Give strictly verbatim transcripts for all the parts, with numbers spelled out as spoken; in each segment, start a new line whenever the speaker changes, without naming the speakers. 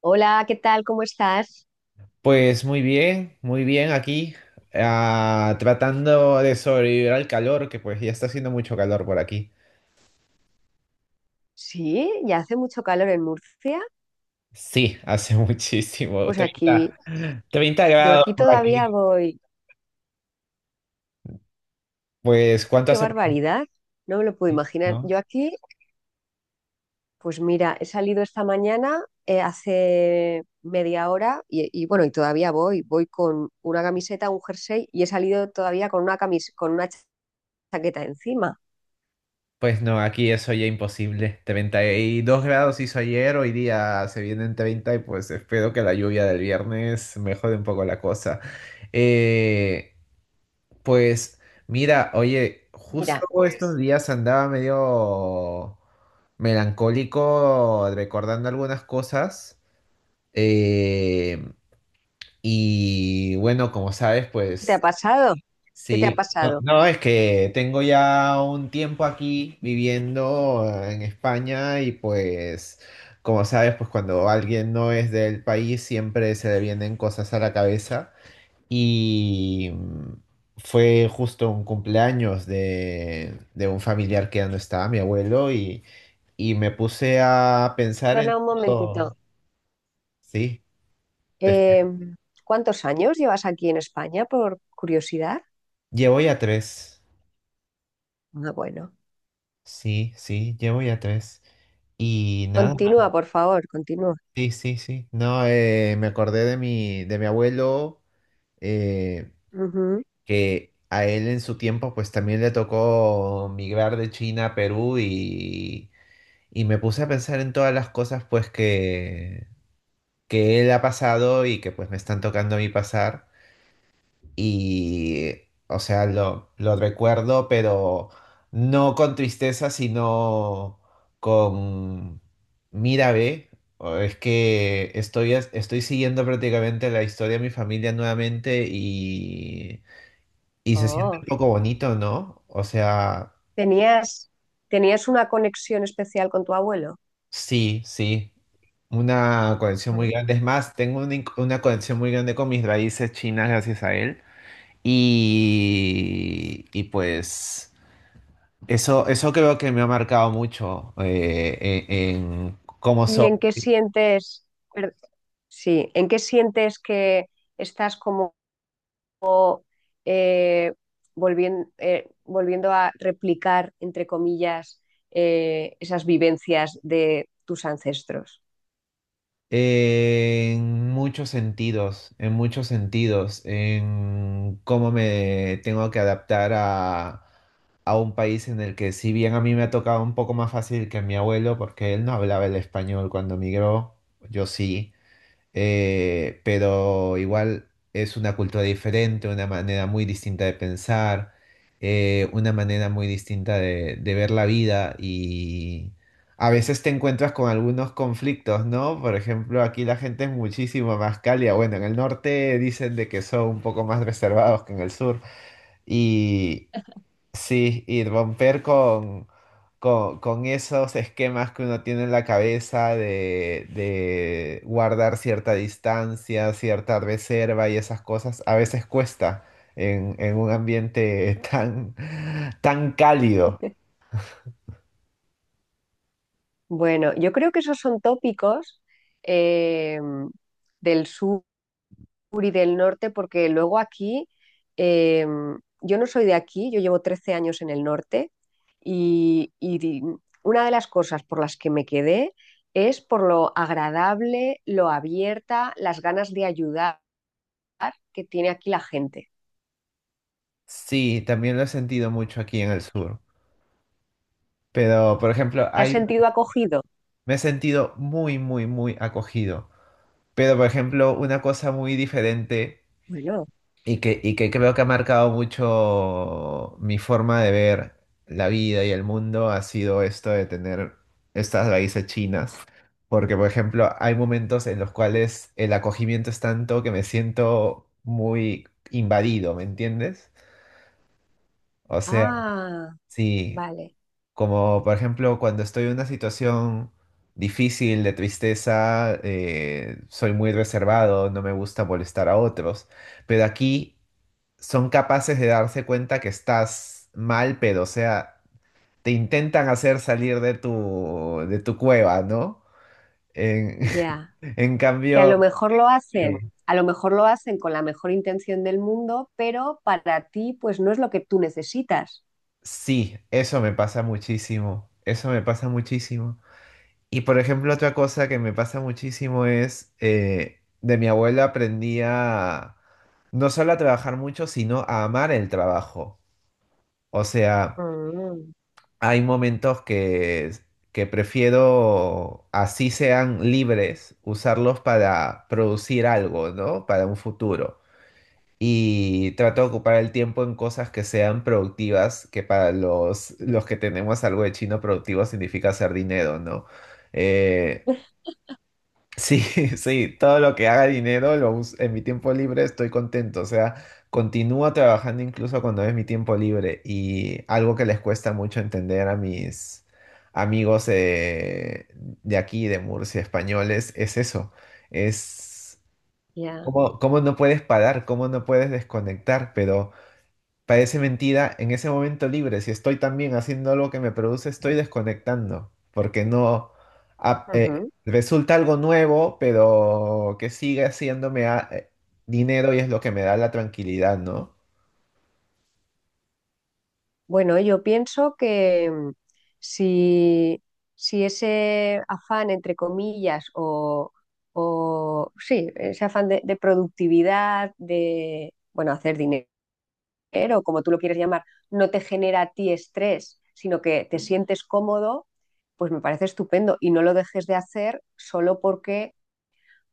Hola, ¿qué tal? ¿Cómo estás?
Pues muy bien, muy bien aquí, ah, tratando de sobrevivir al calor, que pues ya está haciendo mucho calor por aquí.
Sí, ya hace mucho calor en Murcia.
Sí, hace muchísimo,
Pues aquí,
treinta treinta
yo
grados
aquí
por
todavía
aquí.
voy.
¿Pues cuánto
¡Qué
hace por
barbaridad! No me lo puedo
aquí?
imaginar.
¿No?
Yo aquí, pues mira, he salido esta mañana eh, hace media hora y, y bueno, y todavía voy. Voy con una camiseta, un jersey y he salido todavía con una camis- con una cha- chaqueta encima.
Pues no, aquí eso ya imposible. Treinta y dos grados hizo ayer, hoy día se vienen treinta y pues espero que la lluvia del viernes mejore un poco la cosa. Eh, Pues mira, oye, justo
Mira,
estos
pues
días andaba medio melancólico recordando algunas cosas. eh, y bueno, como sabes,
¿qué te ha
pues
pasado? ¿Qué te ha
sí. No,
pasado?
no, es que tengo ya un tiempo aquí viviendo en España y pues, como sabes, pues cuando alguien no es del país siempre se le vienen cosas a la cabeza. Y mm, Fue justo un cumpleaños de, de un familiar que ya no estaba, mi abuelo, y, y me puse a pensar en
Perdona un
todo.
momentito.
Sí, te-
Eh, ¿cuántos años llevas aquí en España, por curiosidad?
llevo ya tres.
Ah, bueno.
Sí, sí, llevo ya tres. Y nada,
Continúa, por favor, continúa.
sí, sí, sí. No, eh, me acordé de mi, de mi abuelo, eh,
Ujú.
que a él en su tiempo pues también le tocó migrar de China a Perú, y Y me puse a pensar en todas las cosas pues que, que él ha pasado y que pues me están tocando a mí pasar. Y, o sea, lo, lo recuerdo, pero no con tristeza, sino con, mira, ve, o es que estoy, as- estoy siguiendo prácticamente la historia de mi familia nuevamente, y, y se siente
Oh,
un poco bonito, ¿no? O sea...
tenías, tenías una conexión especial con tu abuelo.
Sí, sí. Una conexión muy
Ujú.
grande. Es más, tengo una, in- una conexión muy grande con mis raíces chinas gracias a él. Y, y pues eso, eso creo que me ha marcado mucho eh, en, en cómo
¿Y
soy.
en qué sientes, per- sí, en qué sientes que estás como volviendo, volviendo a replicar, entre comillas, eh, esas vivencias de tus ancestros?
En muchos sentidos, en muchos sentidos, en cómo me tengo que adaptar a, a un país en el que si bien a mí me ha tocado un poco más fácil que a mi abuelo, porque él no hablaba el español cuando migró, yo sí. Eh, pero igual es una cultura diferente, una manera muy distinta de pensar, eh, una manera muy distinta de, de ver la vida y a veces te encuentras con algunos conflictos, ¿no? Por ejemplo, aquí la gente es muchísimo más cálida. Bueno, en el norte dicen de que son un poco más reservados que en el sur y, sí, y romper con, con, con esos esquemas que uno tiene en la cabeza de, de guardar cierta distancia, cierta reserva y esas cosas, a veces cuesta en, en un ambiente tan, tan cálido.
Bueno, yo creo que esos son tópicos eh, del sur y del norte, porque luego aquí, eh, yo no soy de aquí, yo llevo trece años en el norte y, y di- una de las cosas por las que me quedé es por lo agradable, lo abierta, las ganas de ayudar que tiene aquí la gente.
Sí, también lo he sentido mucho aquí en el sur. Pero, por ejemplo,
¿Te has
hay,
sentido acogido?
me he sentido muy, muy, muy acogido. Pero, por ejemplo, una cosa muy diferente.
Bueno,
Y que, y que creo que ha marcado mucho mi forma de ver la vida y el mundo, ha sido esto de tener estas raíces chinas. Porque, por ejemplo, hay momentos en los cuales el acogimiento es tanto que me siento muy invadido, ¿me entiendes? O sea,
ah,
sí,
vale,
como por ejemplo cuando estoy en una situación difícil de tristeza, eh, soy muy reservado, no me gusta molestar a otros. Pero aquí son capaces de darse cuenta que estás mal, pero o sea, te intentan hacer salir de tu, de tu cueva, ¿no? En,
ya.
en
Que a lo
cambio,
mejor lo
sí,
hacen, a lo mejor lo hacen con la mejor intención del mundo, pero para ti pues no es lo que tú necesitas.
sí, eso me pasa muchísimo, eso me pasa muchísimo. Y por ejemplo, otra cosa que me pasa muchísimo es, eh, de mi abuela aprendí a no solo a trabajar mucho, sino a amar el trabajo. O sea,
Mm,
hay momentos que, que prefiero, así sean libres, usarlos para producir algo, ¿no? Para un futuro. Y trato de ocupar el tiempo en cosas que sean productivas, que para los, los que tenemos algo de chino productivo significa hacer dinero, ¿no? Eh, Sí, sí, todo lo que haga dinero lo us- en mi tiempo libre estoy contento, o sea, continúo trabajando incluso cuando es mi tiempo libre, y algo que les cuesta mucho entender a mis amigos eh, de aquí, de Murcia, españoles, es eso, es
ya.
cómo, cómo no puedes parar, cómo no puedes desconectar, pero... Parece mentira, en ese momento libre, si estoy también haciendo algo que me produce, estoy desconectando, porque no ah, eh,
Ujú.
resulta algo nuevo, pero que sigue haciéndome ah, eh, dinero y es lo que me da la tranquilidad, ¿no?
Bueno, yo pienso que mm, si, si ese afán, entre comillas, o, o sí, ese afán de, de productividad, de, bueno, hacer dinero, como tú lo quieres llamar, no te genera a ti estrés, sino que te sientes cómodo, pues me parece estupendo y no lo dejes de hacer solo porque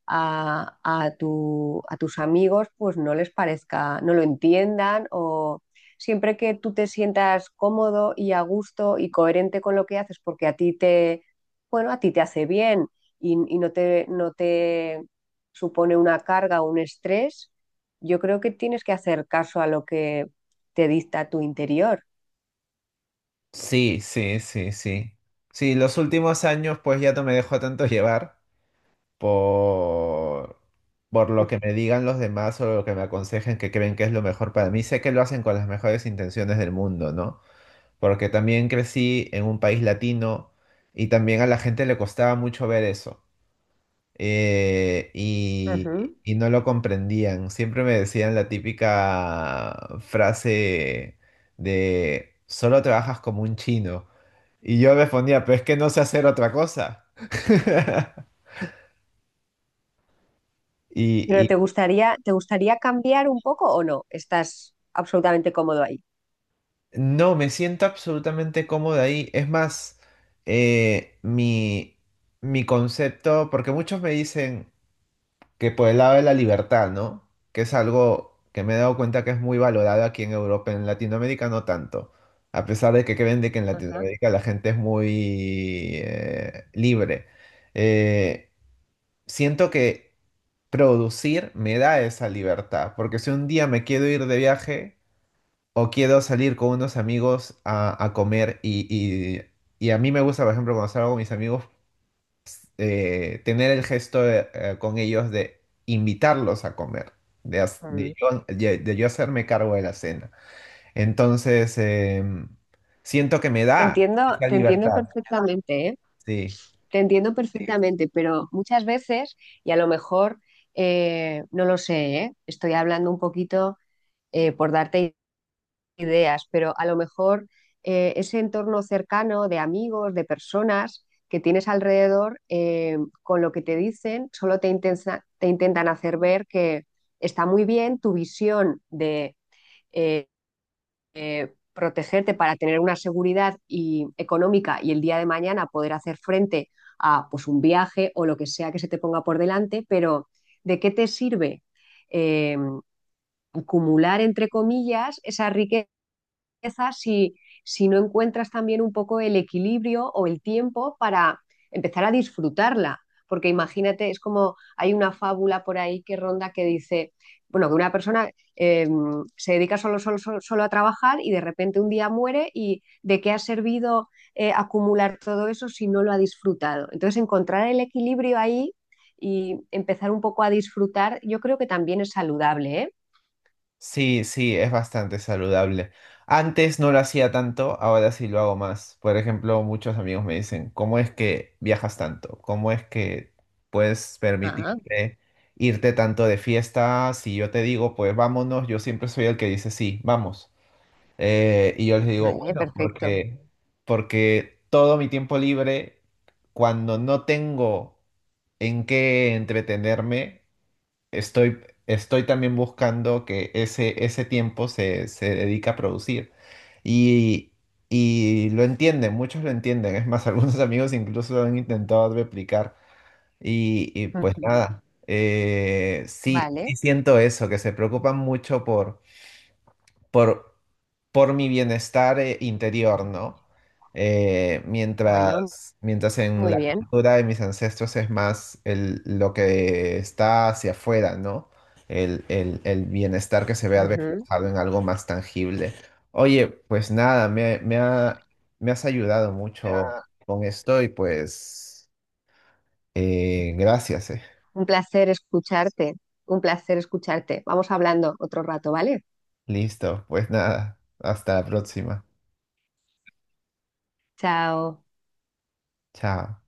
a, a tu, a tus amigos, pues no les parezca, no lo entiendan o siempre que tú te sientas cómodo y a gusto y coherente con lo que haces, porque a ti te, bueno, a ti te hace bien y, y no te, no te supone una carga o un estrés, yo creo que tienes que hacer caso a lo que te dicta tu interior.
Sí, sí, sí, sí. Sí, los últimos años pues ya no me dejo tanto llevar por, por lo que me digan los demás o lo que me aconsejen que creen que es lo mejor para mí. Sé que lo hacen con las mejores intenciones del mundo, ¿no? Porque también crecí en un país latino y también a la gente le costaba mucho ver eso. eh, y,
Ujú.
y no lo comprendían. Siempre me decían la típica frase de solo trabajas como un chino. Y yo respondía, pero es que no sé hacer otra cosa. Y,
Pero
y
¿te gustaría, te gustaría cambiar un poco o no? ¿Estás absolutamente cómodo ahí?
no, me siento absolutamente cómodo ahí. Es más, eh, mi, mi concepto, porque muchos me dicen que por el lado de la libertad, ¿no? Que es algo que me he dado cuenta que es muy valorado aquí en Europa, en Latinoamérica no tanto. A pesar de que creen de que en
Ajá.
Latinoamérica la gente es muy eh, libre. Eh, Siento que producir me da esa libertad, porque si un día me quiero ir de viaje o quiero salir con unos amigos a, a comer y, y- y a mí me gusta, por ejemplo, cuando salgo con mis amigos, eh, tener el gesto eh, eh, con ellos de invitarlos a comer, de, haz- de
Mm.
yo, de- de yo hacerme cargo de la cena. Entonces, em, siento que me
Te
da
entiendo,
esa
te entiendo
libertad.
perfectamente, ¿eh?
Sí,
Te entiendo. Sí, perfectamente, pero muchas veces, y a lo mejor, eh, no lo sé, ¿eh? Estoy hablando un poquito eh, por darte ideas, pero a lo mejor eh, ese entorno cercano de amigos, de personas que tienes alrededor, eh, con lo que te dicen, solo te intensa- te intentan hacer ver que está muy bien tu visión, eh, protegerte para tener una seguridad y- económica y el día de mañana poder hacer frente a pues, un viaje o lo que sea que se te ponga por delante, pero ¿de qué te sirve eh, acumular, entre comillas, esa riqueza? Empiezas si, si no encuentras también un poco el equilibrio o el tiempo para empezar a disfrutarla. Porque imagínate, es como hay una fábula por ahí que ronda que dice, bueno, que una persona eh, se dedica solo, solo, solo, solo a trabajar y de repente un día muere y ¿de qué ha servido eh, acumular todo eso si no lo ha disfrutado? Entonces, encontrar el equilibrio ahí y empezar un poco a disfrutar, yo creo que también es saludable, ¿eh?
sí, sí, es bastante saludable. Antes no lo hacía tanto, ahora sí lo hago más. Por ejemplo, muchos amigos me dicen, ¿cómo es que viajas tanto? ¿Cómo es que puedes
Ah,
permitirte irte tanto de fiesta? Si yo te digo, pues vámonos, yo siempre soy el que dice, sí, vamos. Eh, y yo les digo,
vale,
bueno,
perfecto.
porque, porque todo mi tiempo libre, cuando no tengo en qué entretenerme, estoy, estoy también buscando que ese, ese tiempo se, se dedica a producir. Y, y lo entienden, muchos lo entienden. Es más, algunos amigos incluso lo han intentado replicar. Y, y pues nada, eh, sí, sí
Vale.
siento eso, que se preocupan mucho por por, por mi bienestar eh, interior, ¿no? Eh,
Bueno,
mientras, mientras en
muy
la
bien.
cultura de mis ancestros es más el, lo que está hacia afuera, ¿no? El, el, el bienestar que se vea
Ujú.
reflejado en algo más tangible. Oye, pues nada, me, me ha- me has ayudado mucho
Ya,
con esto, y pues eh, gracias, eh.
un placer escucharte. Un placer escucharte. Vamos hablando otro rato, ¿vale?
Listo, pues nada, hasta la próxima.
Chao.
Chao.